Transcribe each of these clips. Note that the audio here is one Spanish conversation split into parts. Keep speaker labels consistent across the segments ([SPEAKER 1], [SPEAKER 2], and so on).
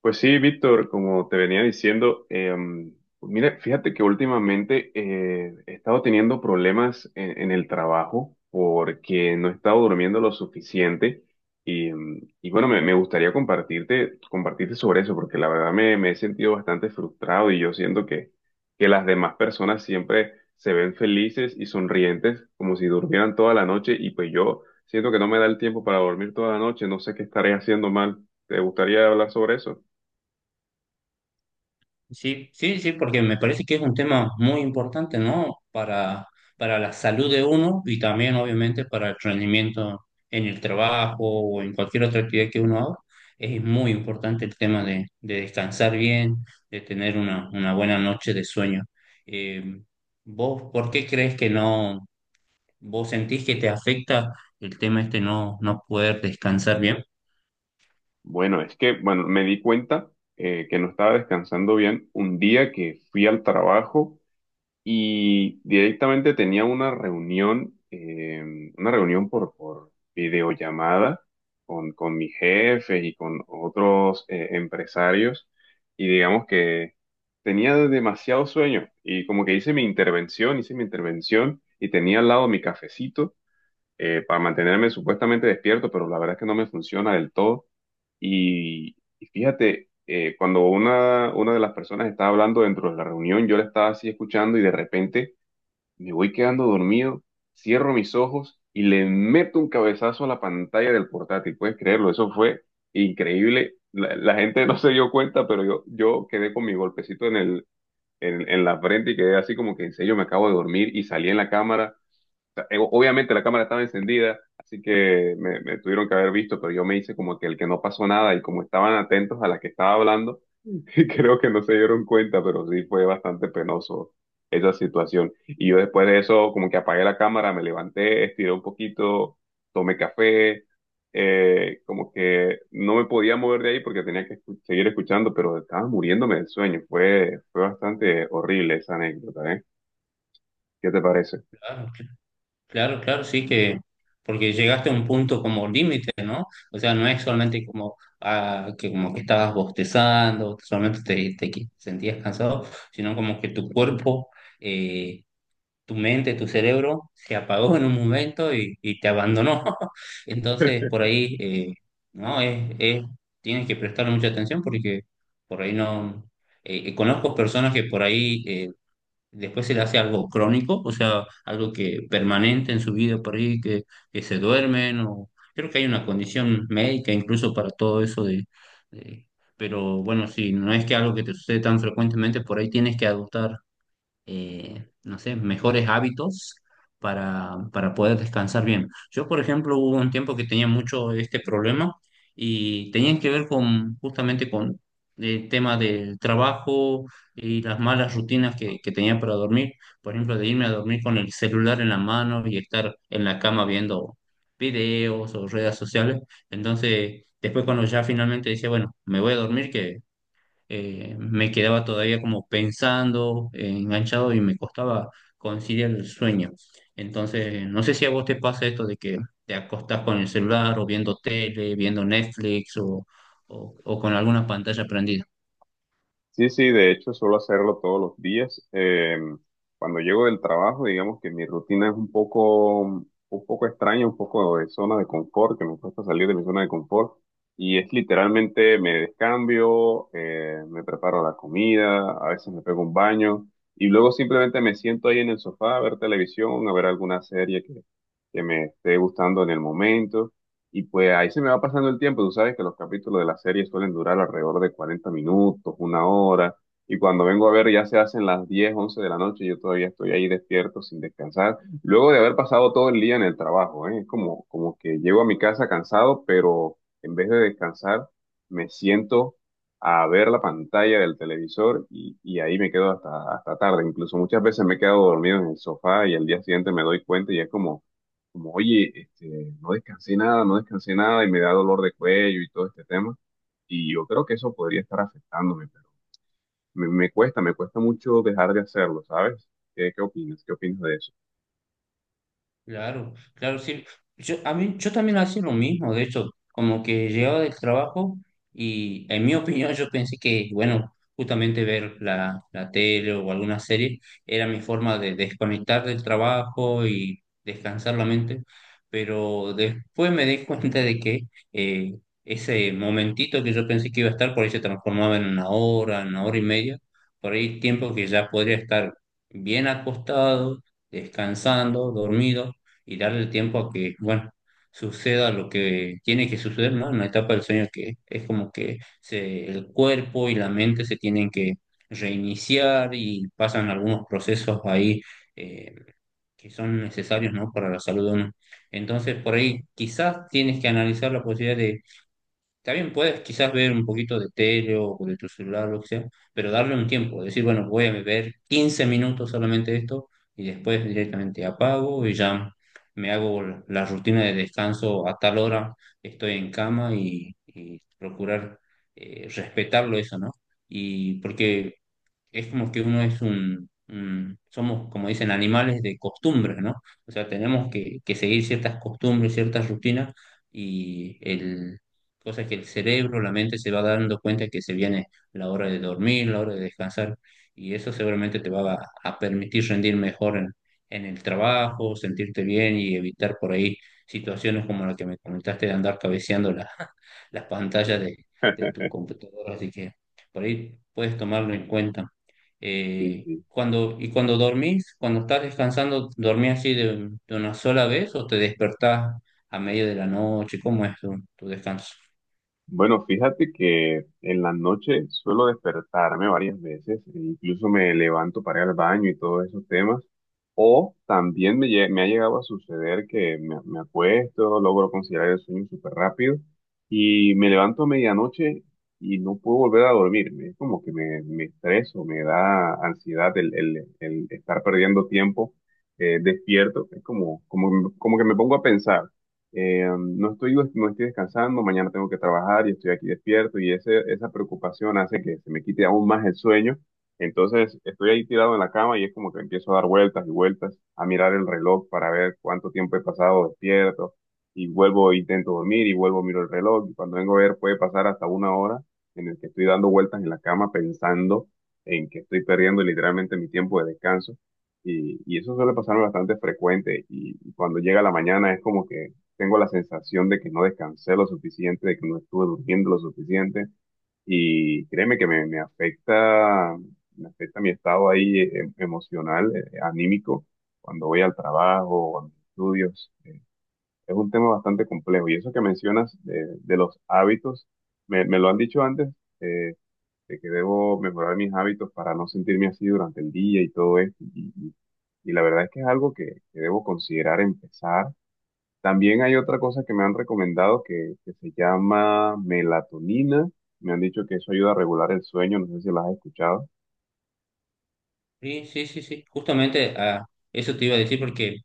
[SPEAKER 1] Pues sí, Víctor, como te venía diciendo, mira, fíjate que últimamente he estado teniendo problemas en el trabajo porque no he estado durmiendo lo suficiente y bueno, me gustaría compartirte sobre eso porque la verdad me he sentido bastante frustrado y yo siento que las demás personas siempre se ven felices y sonrientes como si durmieran toda la noche y pues yo siento que no me da el tiempo para dormir toda la noche, no sé qué estaré haciendo mal. ¿Te gustaría hablar sobre eso?
[SPEAKER 2] Sí, sí, sí, porque me parece que es un tema muy importante, ¿no? Para la salud de uno y también, obviamente, para el rendimiento en el trabajo o en cualquier otra actividad que uno haga. Es muy importante el tema de descansar bien, de tener una buena noche de sueño. Eh, ¿Vos por qué crees que no, vos sentís que te afecta el tema este no, no poder descansar bien?
[SPEAKER 1] Bueno, bueno, me di cuenta que no estaba descansando bien un día que fui al trabajo y directamente tenía una reunión por videollamada con mis jefes y con otros empresarios y digamos que tenía demasiado sueño y como que hice mi intervención y tenía al lado mi cafecito para mantenerme supuestamente despierto, pero la verdad es que no me funciona del todo. Y fíjate, cuando una de las personas estaba hablando dentro de la reunión, yo la estaba así escuchando y de repente me voy quedando dormido, cierro mis ojos y le meto un cabezazo a la pantalla del portátil. ¿Puedes creerlo? Eso fue increíble. La gente no se dio cuenta, pero yo quedé con mi golpecito en en la frente y quedé así como que en serio me acabo de dormir y salí en la cámara sea, obviamente la cámara estaba encendida, así que me tuvieron que haber visto, pero yo me hice como que el que no pasó nada y como estaban atentos a la que estaba hablando, y creo que no se dieron cuenta, pero sí fue bastante penoso esa situación. Y yo después de eso como que apagué la cámara, me levanté, estiré un poquito, tomé café, como que no me podía mover de ahí porque tenía que seguir escuchando, pero estaba muriéndome del sueño. Fue bastante horrible esa anécdota, ¿eh? ¿Qué te parece?
[SPEAKER 2] Claro, claro, sí que, porque llegaste a un punto como límite, ¿no? O sea, no es solamente como, ah, que, como que estabas bostezando, solamente te, sentías cansado, sino como que tu cuerpo, eh, tu mente, tu cerebro se apagó en un momento y te abandonó. Entonces, por ahí, ¿no? Tienes que prestarle mucha atención porque por ahí no... conozco personas que por ahí... después se le hace algo crónico, o sea, algo que permanente en su vida por ahí, que se duermen, o creo que hay una condición médica incluso para todo eso de. Pero bueno, si no es que algo que te sucede tan frecuentemente, por ahí tienes que adoptar no sé, mejores hábitos para poder descansar bien. Yo, por ejemplo, hubo un tiempo que tenía mucho este problema y tenían que ver con justamente con el tema del trabajo y las malas rutinas que tenía para dormir. Por ejemplo, de irme a dormir con el celular en la mano y estar en la cama viendo videos o redes sociales. Entonces, después cuando ya finalmente decía, bueno, me voy a dormir, que me quedaba todavía como pensando, enganchado y me costaba conciliar el sueño. Entonces, no sé si a vos te pasa esto de que te acostás con el celular o viendo tele, viendo Netflix o con alguna pantalla prendida.
[SPEAKER 1] Sí, sí, de hecho suelo hacerlo todos los días. Cuando llego del trabajo, digamos que mi rutina es un poco extraña, un poco de zona de confort, que me cuesta salir de mi zona de confort. Y es literalmente me descambio, me preparo la comida, a veces me pego un baño y luego simplemente me siento ahí en el sofá a ver televisión, a ver alguna serie que me esté gustando en el momento. Y pues ahí se me va pasando el tiempo, tú sabes que los capítulos de la serie suelen durar alrededor de 40 minutos, una hora, y cuando vengo a ver ya se hacen las 10, 11 de la noche, y yo todavía estoy ahí despierto sin descansar, luego de haber pasado todo el día en el trabajo, ¿eh? Es como, como que llego a mi casa cansado, pero en vez de descansar, me siento a ver la pantalla del televisor y ahí me quedo hasta tarde, incluso muchas veces me he quedado dormido en el sofá y al día siguiente me doy cuenta y es como como, oye, este, no descansé nada y me da dolor de cuello y todo este tema. Y yo creo que eso podría estar afectándome, pero me cuesta mucho dejar de hacerlo, ¿sabes? ¿Qué opinas? ¿Qué opinas de eso?
[SPEAKER 2] Claro, claro, sí. Yo, a mí, yo también hacía lo mismo, de hecho, como que llegaba del trabajo y en mi opinión yo pensé que, bueno, justamente ver la, la tele o alguna serie era mi forma de desconectar del trabajo y descansar la mente, pero después me di cuenta de que eh, ese momentito que yo pensé que iba a estar, por ahí se transformaba en una hora y media, por ahí tiempo que ya podría estar bien acostado, descansando, dormido y darle el tiempo a que, bueno, suceda lo que tiene que suceder, ¿no? En la etapa del sueño que es como que el cuerpo y la mente se tienen que reiniciar y pasan algunos procesos ahí eh, que son necesarios, ¿no? Para la salud de uno. Entonces, por ahí quizás tienes que analizar la posibilidad también puedes quizás ver un poquito de tele o de tu celular, lo que sea, pero darle un tiempo, decir, bueno, voy a ver 15 minutos solamente de esto y después directamente apago y ya me hago la rutina de descanso a tal hora, estoy en cama y procurar respetarlo eso, ¿no? Y porque es como que uno es somos, como dicen, animales de costumbres, ¿no? O sea, tenemos que seguir ciertas costumbres, ciertas rutinas y el, cosas que el cerebro, la mente se va dando cuenta que se viene la hora de dormir, la hora de descansar y eso seguramente te va a permitir rendir mejor en el trabajo, sentirte bien y evitar por ahí situaciones como la que me comentaste de andar cabeceando las pantallas de tu computadora, así que por ahí puedes tomarlo en cuenta.
[SPEAKER 1] Sí, sí.
[SPEAKER 2] ¿Y cuando dormís, cuando estás descansando, dormís así de una sola vez o te despertás a medio de la noche? ¿Cómo es tu, tu descanso?
[SPEAKER 1] Bueno, fíjate que en la noche suelo despertarme varias veces, e incluso me levanto para ir al baño y todos esos temas, o también me ha llegado a suceder que me acuesto, logro considerar el sueño súper rápido y me levanto a medianoche y no puedo volver a dormirme, es como que me estreso, me da ansiedad el estar perdiendo tiempo despierto, es como, como que me pongo a pensar. No estoy descansando, mañana tengo que trabajar y estoy aquí despierto y esa preocupación hace que se me quite aún más el sueño. Entonces estoy ahí tirado en la cama y es como que empiezo a dar vueltas y vueltas, a mirar el reloj para ver cuánto tiempo he pasado despierto y vuelvo, intento dormir y vuelvo, miro el reloj y cuando vengo a ver puede pasar hasta una hora en el que estoy dando vueltas en la cama pensando en que estoy perdiendo literalmente mi tiempo de descanso. Y eso suele pasarme bastante frecuente y cuando llega la mañana es como que tengo la sensación de que no descansé lo suficiente, de que no estuve durmiendo lo suficiente y créeme que me afecta mi estado ahí emocional, anímico, cuando voy al trabajo o a mis estudios. Es un tema bastante complejo y eso que mencionas de los hábitos, me lo han dicho antes, eh, de que debo mejorar mis hábitos para no sentirme así durante el día y todo esto. Y la verdad es que es algo que debo considerar empezar también hay otra cosa que me han recomendado que se llama melatonina. Me han dicho que eso ayuda a regular el sueño. No sé si las has escuchado.
[SPEAKER 2] Sí, sí, sí, sí. Justamente a eso te iba a decir porque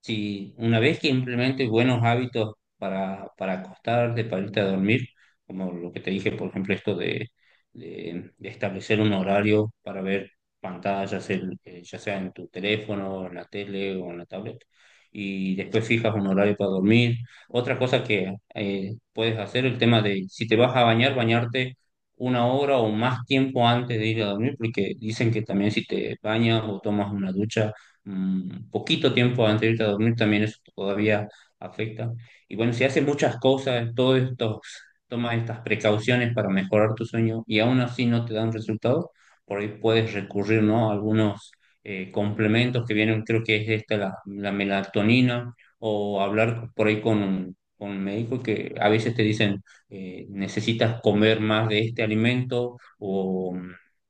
[SPEAKER 2] si una vez que implementes buenos hábitos para acostarte, para irte a dormir, como lo que te dije, por ejemplo, esto de establecer un horario para ver pantallas, ya sea en tu teléfono, en la tele o en la tablet, y después fijas un horario para dormir. Otra cosa que puedes hacer, el tema de si te vas a bañar, bañarte una hora o más tiempo antes de ir a dormir, porque dicen que también si te bañas o tomas una ducha, mm, poquito tiempo antes de irte a dormir también eso todavía afecta. Y bueno, si haces muchas cosas, todos estos, tomas estas precauciones para mejorar tu sueño y aún así no te dan resultado, por ahí puedes recurrir, ¿no? A algunos complementos que vienen, creo que es esta la, la melatonina o hablar por ahí con un médico que a veces te dicen necesitas comer más de este alimento o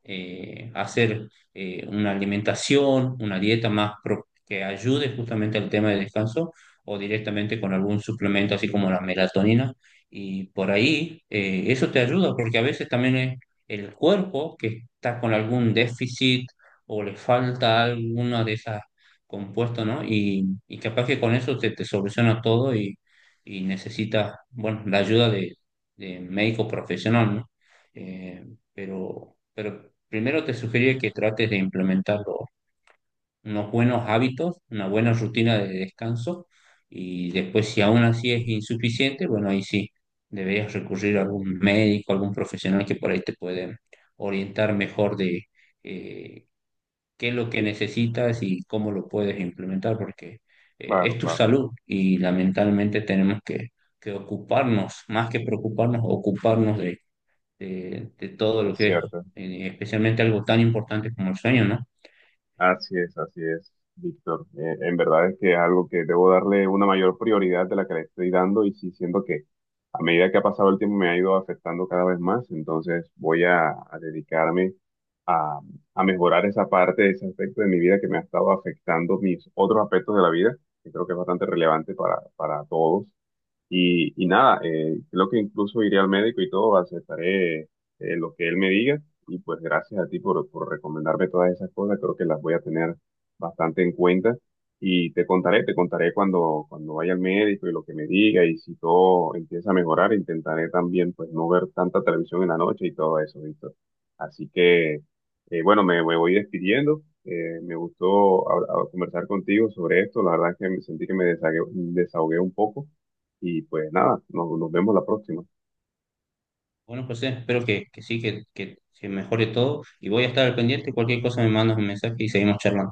[SPEAKER 2] hacer una alimentación, una dieta más que ayude justamente al tema de descanso o directamente con algún suplemento así como la melatonina. Y por ahí eso te ayuda porque a veces también es el cuerpo que está con algún déficit o le falta alguna de esas compuestos, ¿no? Y capaz que con eso se te soluciona todo y necesitas, bueno, la ayuda de médico profesional, ¿no? Eh, pero primero te sugeriría que trates de implementar unos buenos hábitos, una buena rutina de descanso y después si aún así es insuficiente, bueno, ahí sí deberías recurrir a algún médico, algún profesional que por ahí te puede orientar mejor de eh, qué es lo que necesitas y cómo lo puedes implementar, porque
[SPEAKER 1] Claro,
[SPEAKER 2] es tu
[SPEAKER 1] claro,
[SPEAKER 2] salud y lamentablemente tenemos que ocuparnos, más que preocuparnos, ocuparnos de de todo lo
[SPEAKER 1] es
[SPEAKER 2] que es,
[SPEAKER 1] cierto.
[SPEAKER 2] especialmente algo tan importante como el sueño, ¿no?
[SPEAKER 1] Así es, Víctor. En verdad es que es algo que debo darle una mayor prioridad de la que le estoy dando y sí siento que a medida que ha pasado el tiempo me ha ido afectando cada vez más, entonces voy a dedicarme a, a mejorar esa parte, ese aspecto de mi vida que me ha estado afectando mis otros aspectos de la vida, que creo que es bastante relevante para todos. Y nada, creo que incluso iré al médico y todo, aceptaré lo que él me diga y pues gracias a ti por recomendarme todas esas cosas. Creo que las voy a tener bastante en cuenta. Y te contaré cuando vaya al médico y lo que me diga. Y si todo empieza a mejorar, intentaré también pues no ver tanta televisión en la noche y todo eso, Víctor. Así que, bueno, me voy despidiendo. Me gustó conversar contigo sobre esto. La verdad es que me sentí que me desahogué un poco. Y pues nada, nos vemos la próxima.
[SPEAKER 2] Bueno, José, espero que sí, que se mejore todo y voy a estar al pendiente. Cualquier cosa me mandas un mensaje y seguimos charlando.